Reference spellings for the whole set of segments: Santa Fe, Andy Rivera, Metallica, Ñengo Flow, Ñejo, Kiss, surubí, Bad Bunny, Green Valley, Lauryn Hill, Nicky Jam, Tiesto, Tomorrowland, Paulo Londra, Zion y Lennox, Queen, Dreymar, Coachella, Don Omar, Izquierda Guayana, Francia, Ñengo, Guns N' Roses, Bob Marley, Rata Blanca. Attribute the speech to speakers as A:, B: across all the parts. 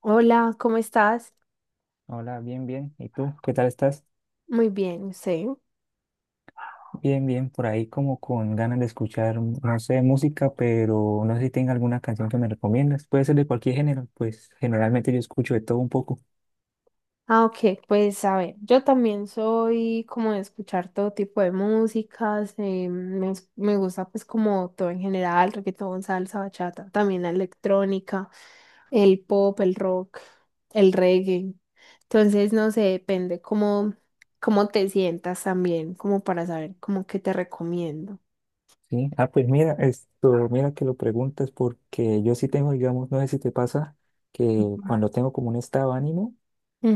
A: Hola, ¿cómo estás?
B: Hola, bien, bien. ¿Y tú? ¿Qué tal estás?
A: Muy bien, sí.
B: Bien, bien. Por ahí como con ganas de escuchar, no sé, música, pero no sé si tenga alguna canción que me recomiendas. Puede ser de cualquier género, pues generalmente yo escucho de todo un poco.
A: Ok, pues a ver, yo también soy como de escuchar todo tipo de músicas, me gusta pues como todo en general, reggaetón, salsa, bachata, también la electrónica, el pop, el rock, el reggae. Entonces, no sé, cómo te sientas también, como para saber cómo que te recomiendo.
B: Sí. Ah, pues mira, esto, mira que lo preguntas porque yo sí tengo, digamos, no sé si te pasa que
A: Ujú.
B: cuando tengo como un estado de ánimo,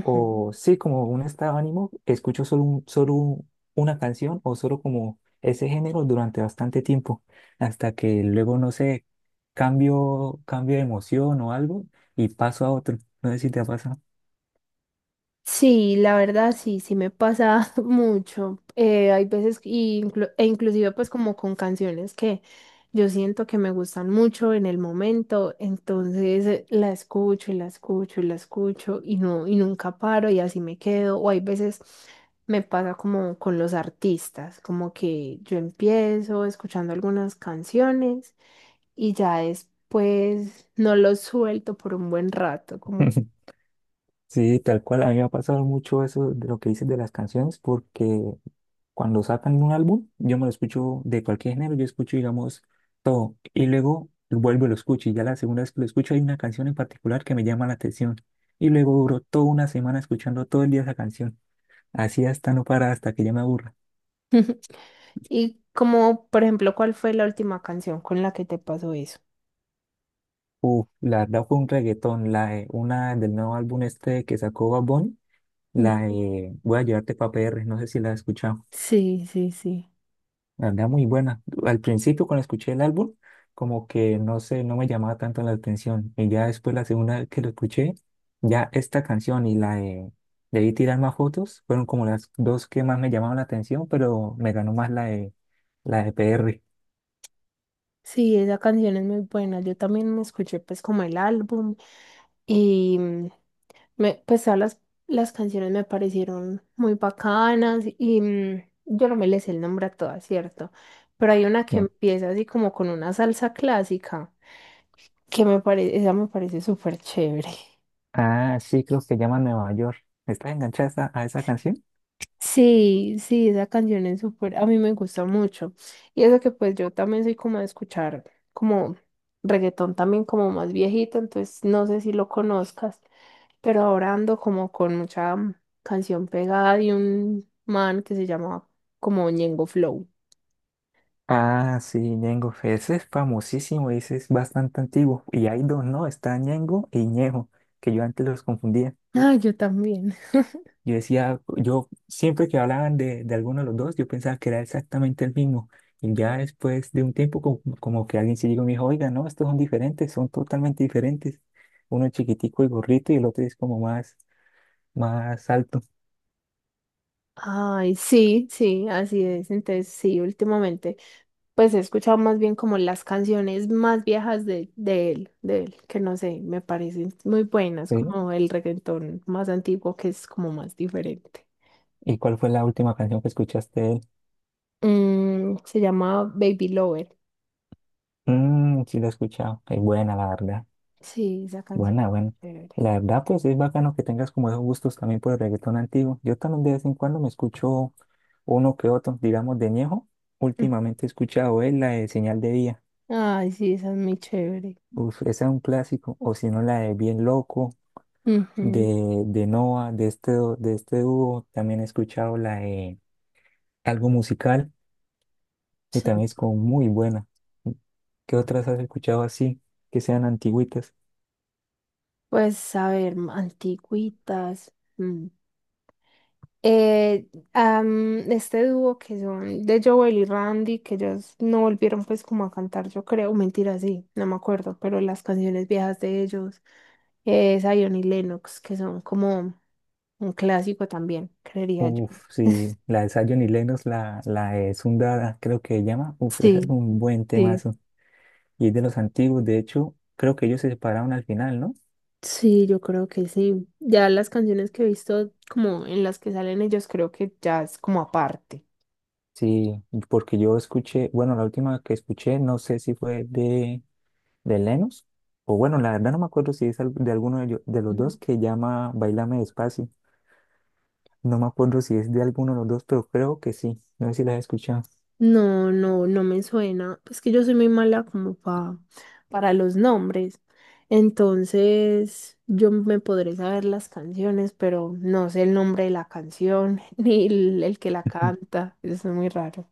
B: o sí, como un estado de ánimo, escucho solo, una canción o solo como ese género durante bastante tiempo, hasta que luego, no sé, cambio de emoción o algo y paso a otro. No sé si te ha pasado.
A: Sí, la verdad sí, me pasa mucho. Hay veces y inclu- e inclusive pues como con canciones que yo siento que me gustan mucho en el momento, entonces la escucho y la escucho y la escucho y nunca paro y así me quedo. O hay veces me pasa como con los artistas, como que yo empiezo escuchando algunas canciones y ya después no los suelto por un buen rato, como
B: Sí, tal cual, a mí me ha pasado mucho eso de lo que dices de las canciones, porque cuando sacan un álbum, yo me lo escucho de cualquier género, yo escucho, digamos, todo. Y luego vuelvo y lo escucho. Y ya la segunda vez que lo escucho hay una canción en particular que me llama la atención. Y luego duro toda una semana escuchando todo el día esa canción. Así hasta no para, hasta que ya me aburra.
A: Y como, por ejemplo, ¿cuál fue la última canción con la que te pasó eso?
B: Uf, la verdad fue un reggaetón, una del nuevo álbum este que sacó Bad Bunny, la
A: Mm,
B: de Voy a llevarte pa' PR, no sé si la has escuchado.
A: Sí, sí, sí.
B: La verdad, muy buena. Al principio, cuando escuché el álbum, como que no sé, no me llamaba tanto la atención. Y ya después, la segunda vez que lo escuché, ya esta canción y la de Debí tirar más fotos fueron como las dos que más me llamaban la atención, pero me ganó más la de PR.
A: Sí, esa canción es muy buena. Yo también me escuché pues como el álbum y pues las canciones me parecieron muy bacanas y yo no me les sé el nombre a todas, ¿cierto? Pero hay una que
B: Sí.
A: empieza así como con una salsa clásica que me parece, esa me parece súper chévere.
B: Ah, sí, creo que llama Nueva York. ¿Estás enganchada a esa canción?
A: Sí, sí, esa canción es súper, a mí me gusta mucho. Y eso que pues yo también soy como de escuchar como reggaetón también como más viejito, entonces no sé si lo conozcas, pero ahora ando como con canción pegada de un man que se llama como Ñengo Flow.
B: Ah, sí, Ñengo. Ese es famosísimo, ese es bastante antiguo. Y hay dos, ¿no? Está Ñengo y Ñejo, que yo antes los confundía.
A: Ah, yo también.
B: Yo decía, yo siempre que hablaban de alguno de los dos, yo pensaba que era exactamente el mismo. Y ya después de un tiempo, como, como que alguien se llegó y me dijo, oiga, no, estos son diferentes, son totalmente diferentes. Uno es chiquitico y gorrito y el otro es como más, más alto.
A: Ay, sí, sí, así es. Entonces, sí, últimamente, pues he escuchado más bien como las canciones más viejas de, de él, que no sé, me parecen muy buenas,
B: ¿Sí?
A: como el reggaetón más antiguo, que es como más diferente.
B: ¿Y cuál fue la última canción que escuchaste de él?
A: Mm, se llama Baby Lover.
B: Mm, sí, la he escuchado. Es buena, la verdad.
A: Sí, esa canción.
B: Buena, buena.
A: Chévere.
B: La verdad, pues es bacano que tengas como esos gustos también por el reggaetón antiguo. Yo también de vez en cuando me escucho uno que otro, digamos, de Ñejo.
A: Mm.
B: Últimamente he escuchado es la de Señal de Día.
A: Ay, sí, esa es muy chévere.
B: Uf, esa es un clásico. O si no, la de Bien Loco,
A: Ujú,
B: de Noah, de este dúo. También he escuchado la de Algo Musical, que
A: sí.
B: también es como muy buena. ¿Qué otras has escuchado así, que sean antiguitas?
A: Pues, a ver, antiguitas. Mm. Eh, este dúo que son de Joel y Randy, que ellos no volvieron pues como a cantar, yo creo, mentira, sí, no me acuerdo, pero las canciones viejas de ellos, Zion y Lennox, que son como un clásico también, creería yo.
B: Uf, sí, la de Zion y Lennox, la de Sundada, creo que se llama. Uf, ese es
A: Sí,
B: un buen
A: sí,
B: temazo. Y es de los antiguos, de hecho, creo que ellos se separaron al final, ¿no?
A: sí, yo creo que sí. Ya las canciones que he visto como en las que salen ellos, creo que ya es como aparte.
B: Sí, porque yo escuché, bueno, la última que escuché, no sé si fue de Lennox, o bueno, la verdad no me acuerdo si es de alguno de, de los dos que llama Bailame Despacio. No me acuerdo si es de alguno de los dos, pero creo que sí. No sé si la has escuchado.
A: No, no, no me suena. Es que yo soy muy mala para los nombres. Entonces, yo me podré saber las canciones, pero no sé el nombre de la canción ni el que la canta. Eso es muy raro.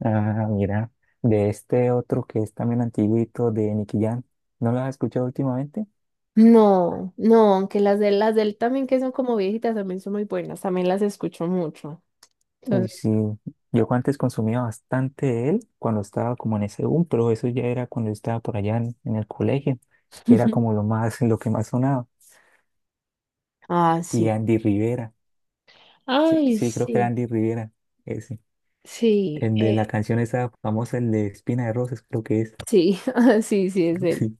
B: Ah, mira, de este otro que es también antiguito de Nicky Jam. ¿No la has escuchado últimamente?
A: No, no, aunque las de las del también que son como viejitas también son muy buenas, también las escucho mucho.
B: Uy,
A: Entonces,
B: sí. Yo antes consumía bastante de él cuando estaba como en ese boom, pero eso ya era cuando estaba por allá en el colegio. Y era como lo más, lo que más sonaba.
A: ah,
B: Y
A: sí.
B: Andy Rivera. Sí,
A: Ay,
B: sí, creo que era
A: sí,
B: Andy Rivera. Ese.
A: sí,
B: El de la canción esa famosa, el de Espina de Rosas, creo que es.
A: sí, ah, sí, sí es él.
B: Sí.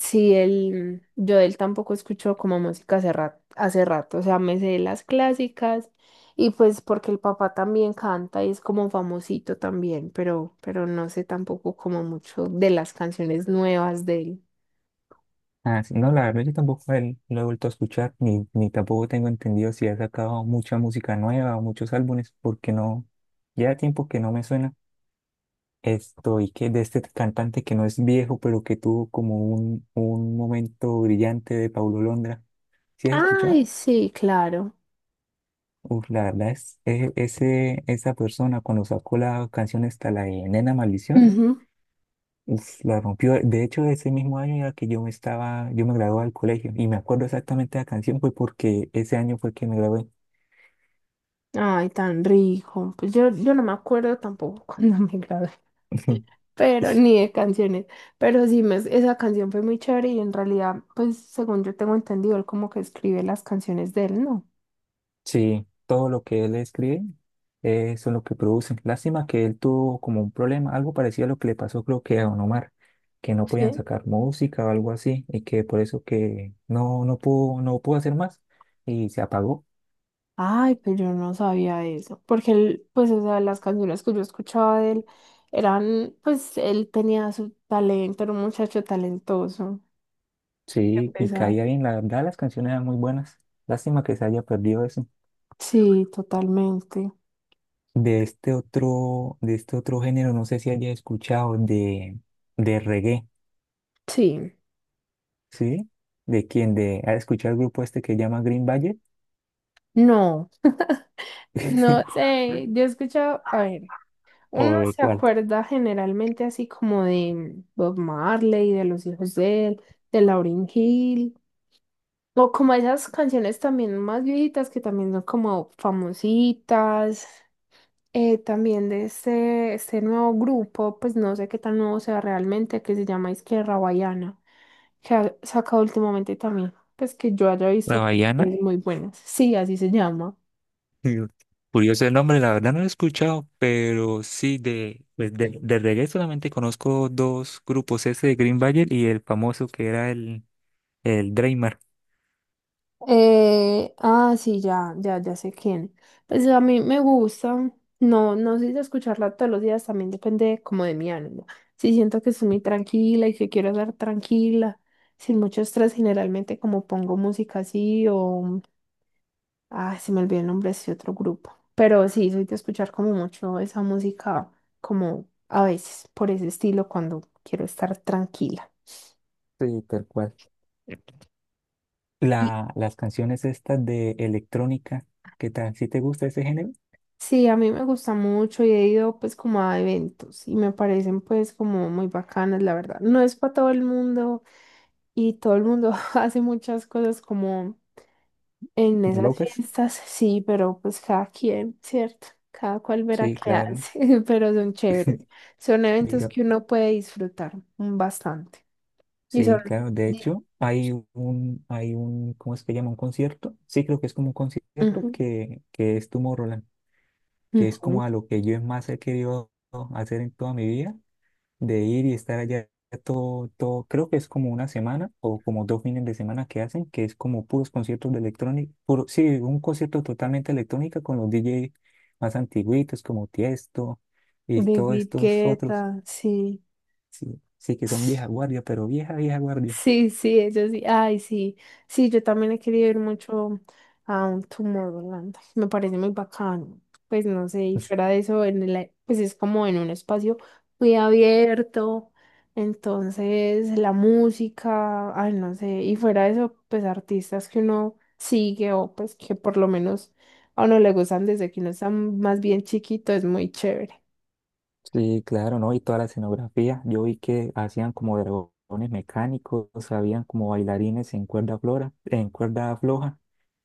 A: Sí, él, yo de él tampoco escucho como música hace rato, o sea, me sé las clásicas y pues porque el papá también canta y es como famosito también, pero no sé tampoco como mucho de las canciones nuevas de él.
B: Ah, sí. No, la verdad yo tampoco él lo he vuelto a escuchar, ni, ni tampoco tengo entendido si ha sacado mucha música nueva o muchos álbumes, porque no, ya tiempo que no me suena. Esto, y que de este cantante que no es viejo, pero que tuvo como un momento brillante de Paulo Londra. ¿Sí has escuchado?
A: Ay, sí, claro.
B: Uf, la verdad es, ese, esa persona cuando sacó la canción esta, la de Nena Maldición,
A: Ujú.
B: uf, la rompió. De hecho, ese mismo año era que yo me estaba, yo me gradué del colegio y me acuerdo exactamente de la canción fue porque ese año fue que me gradué.
A: Ay, tan rico. Yo no me acuerdo tampoco cuando me gradué, pero ni de canciones. Pero sí, esa canción fue muy chévere y en realidad, pues según yo tengo entendido, él como que escribe las canciones de él, ¿no?
B: Sí, todo lo que él escribe son lo que producen. Lástima que él tuvo como un problema, algo parecido a lo que le pasó creo que a Don Omar, que no podían
A: Sí.
B: sacar música o algo así y que por eso que no, no pudo, no pudo hacer más y se apagó.
A: Ay, pero yo no sabía eso. Porque él, pues, o sea, las canciones que yo escuchaba de él eran, pues, él tenía su talento, era un muchacho talentoso. Qué
B: Sí, y
A: pesar.
B: caía bien, la verdad las canciones eran muy buenas. Lástima que se haya perdido eso.
A: Sí, totalmente.
B: De este otro género, no sé si haya escuchado de reggae,
A: Sí.
B: ¿sí? ¿De quién? ¿De, ha escuchado el grupo este que se llama Green Valley?
A: No, pues, no sé. Yo he escuchado, a ver, uno
B: ¿O de
A: se
B: cuál?
A: acuerda generalmente así como de Bob Marley, de los hijos de él, de Lauryn Hill. O como esas canciones también más viejitas que también son como famositas. También de este nuevo grupo, pues no sé qué tan nuevo sea realmente, que se llama Izquierda Guayana, que ha sacado últimamente también, pues que yo haya
B: La
A: visto
B: Baiana,
A: canciones muy buenas. Sí, así se llama.
B: mm, curioso el nombre, la verdad no lo he escuchado, pero sí de, pues de reggae solamente conozco dos grupos, ese de Green Valley y el famoso que era el Dreymar.
A: Sí, ya sé quién. Pues a mí me gusta, no, no sé si escucharla todos los días, también depende como de mi ánimo. Si siento que estoy muy tranquila y que quiero estar tranquila, sin mucho estrés, generalmente como pongo música así o... Ay, se me olvidó el nombre de ese otro grupo. Pero sí, soy de escuchar como mucho esa música, como a veces por ese estilo cuando quiero estar tranquila.
B: Sí, tal cual.
A: Y
B: La, las canciones estas de electrónica, ¿qué tal? ¿Sí te gusta ese género?
A: sí, a mí me gusta mucho y he ido pues como a eventos y me parecen pues como muy bacanas, la verdad. No es para todo el mundo y todo el mundo hace muchas cosas como En esas
B: ¿Locas?
A: fiestas, sí, pero pues cada quien, ¿cierto? Cada cual verá
B: Sí,
A: qué
B: claro.
A: hace, pero son chéveres. Son eventos
B: Diga-
A: que uno puede disfrutar bastante. Y son...
B: Sí, claro. De hecho, hay un, ¿cómo es que llama? Un concierto. Sí, creo que es como un concierto
A: Ujú,
B: que es Tomorrowland, que es
A: ujú.
B: como a lo que yo más he querido hacer en toda mi vida, de ir y estar allá todo, todo, creo que es como una semana o como dos fines de semana que hacen, que es como puros conciertos de electrónica, puro, sí, un concierto totalmente electrónica con los DJ más antiguitos como Tiesto y
A: De
B: todos estos otros,
A: Guiqueta, sí.
B: sí, sí que son vieja guardia, pero vieja, vieja guardia.
A: Sí, sí, eso sí. Ay, sí. Sí, yo también he querido ir mucho a un Tomorrowland. Me parece muy bacano. Pues no sé, y fuera de eso, en el, pues es como en un espacio muy abierto. Entonces, la música, ay, no sé. Y fuera de eso, pues artistas que uno sigue o pues que por lo menos a uno le gustan desde que uno está más bien chiquito, es muy chévere.
B: Sí, claro, ¿no? Y toda la escenografía. Yo vi que hacían como dragones mecánicos, habían como bailarines en cuerda flora, en cuerda floja.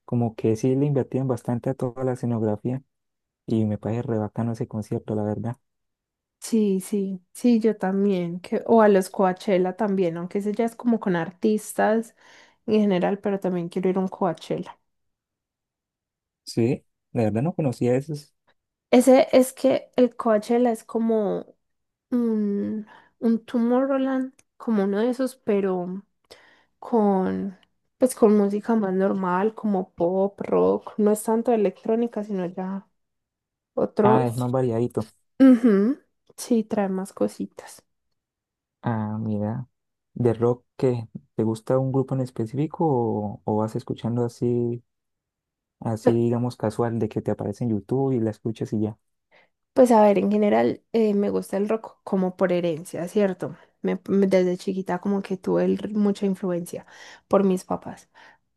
B: Como que sí le invertían bastante a toda la escenografía y me parece re bacano ese concierto, la verdad.
A: Sí, sí, sí, yo también. Que, o a los Coachella también, aunque ese ya es como con artistas en general, pero también quiero ir a un Coachella.
B: Sí, la verdad no conocía esos.
A: Ese es que el Coachella es como un, un Tomorrowland, como uno de esos, pero con, pues con música más normal, como pop, rock, no es tanto electrónica, sino ya
B: Ah, es más
A: otros.
B: variadito.
A: Ujú, sí, trae más cositas.
B: Ah, mira, de rock, ¿qué? ¿Te gusta un grupo en específico o vas escuchando así, así
A: Pe-
B: digamos casual, de que te aparece en YouTube y la escuchas y ya?
A: Pues a ver, en general me gusta el rock como por herencia, ¿cierto? Desde chiquita como que tuve mucha influencia por mis papás.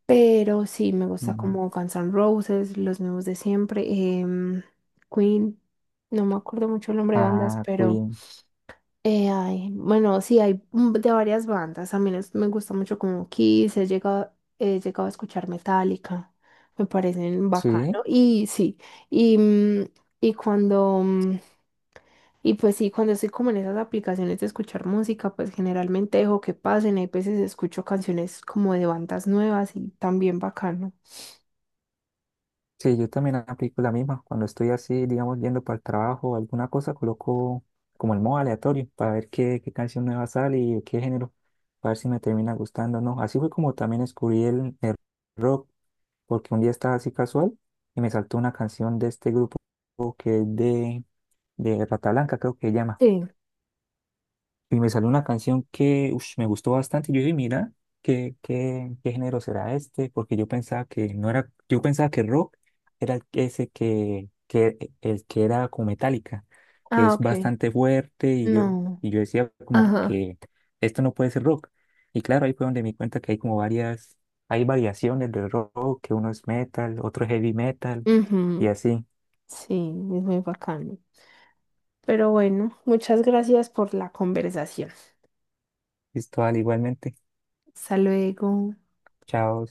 A: Pero sí, me gusta
B: Ujú.
A: como Guns N' Roses, los nuevos de siempre. em, Queen, no me acuerdo mucho el nombre de bandas,
B: Ah,
A: pero
B: Queen.
A: bueno, sí, hay de varias bandas. Me gusta mucho como Kiss, he llegado a escuchar Metallica, me parecen
B: Sí.
A: bacano. Y, mm, y cuando, mm, y pues sí, cuando estoy como en esas aplicaciones de escuchar música, pues generalmente dejo que pasen. Hay veces escucho canciones como de bandas nuevas y también bacano.
B: Sí, yo también aplico la misma. Cuando estoy así, digamos, yendo para el trabajo o alguna cosa, coloco como el modo aleatorio para ver qué, qué canción nueva sale y de qué género, para ver si me termina gustando o no. Así fue como también descubrí el rock, porque un día estaba así casual y me saltó una canción de este grupo que es de Rata Blanca, creo que se llama.
A: Sí.
B: Y me salió una canción que ush, me gustó bastante. Y yo dije, mira, ¿qué, qué, qué género será este? Porque yo pensaba que no era, yo pensaba que rock era ese que el que era como Metallica, que
A: Ah,
B: es
A: ok.
B: bastante fuerte.
A: No.
B: Y yo decía como
A: Ajá.
B: que esto no puede ser rock. Y claro, ahí fue donde me di cuenta que hay como varias, hay variaciones del rock, que uno es metal, otro es heavy metal, y
A: Ujú.
B: así.
A: Sí, es muy bacano. Pero bueno, muchas gracias por la conversación.
B: Listo, al igualmente.
A: Hasta luego.
B: Chao.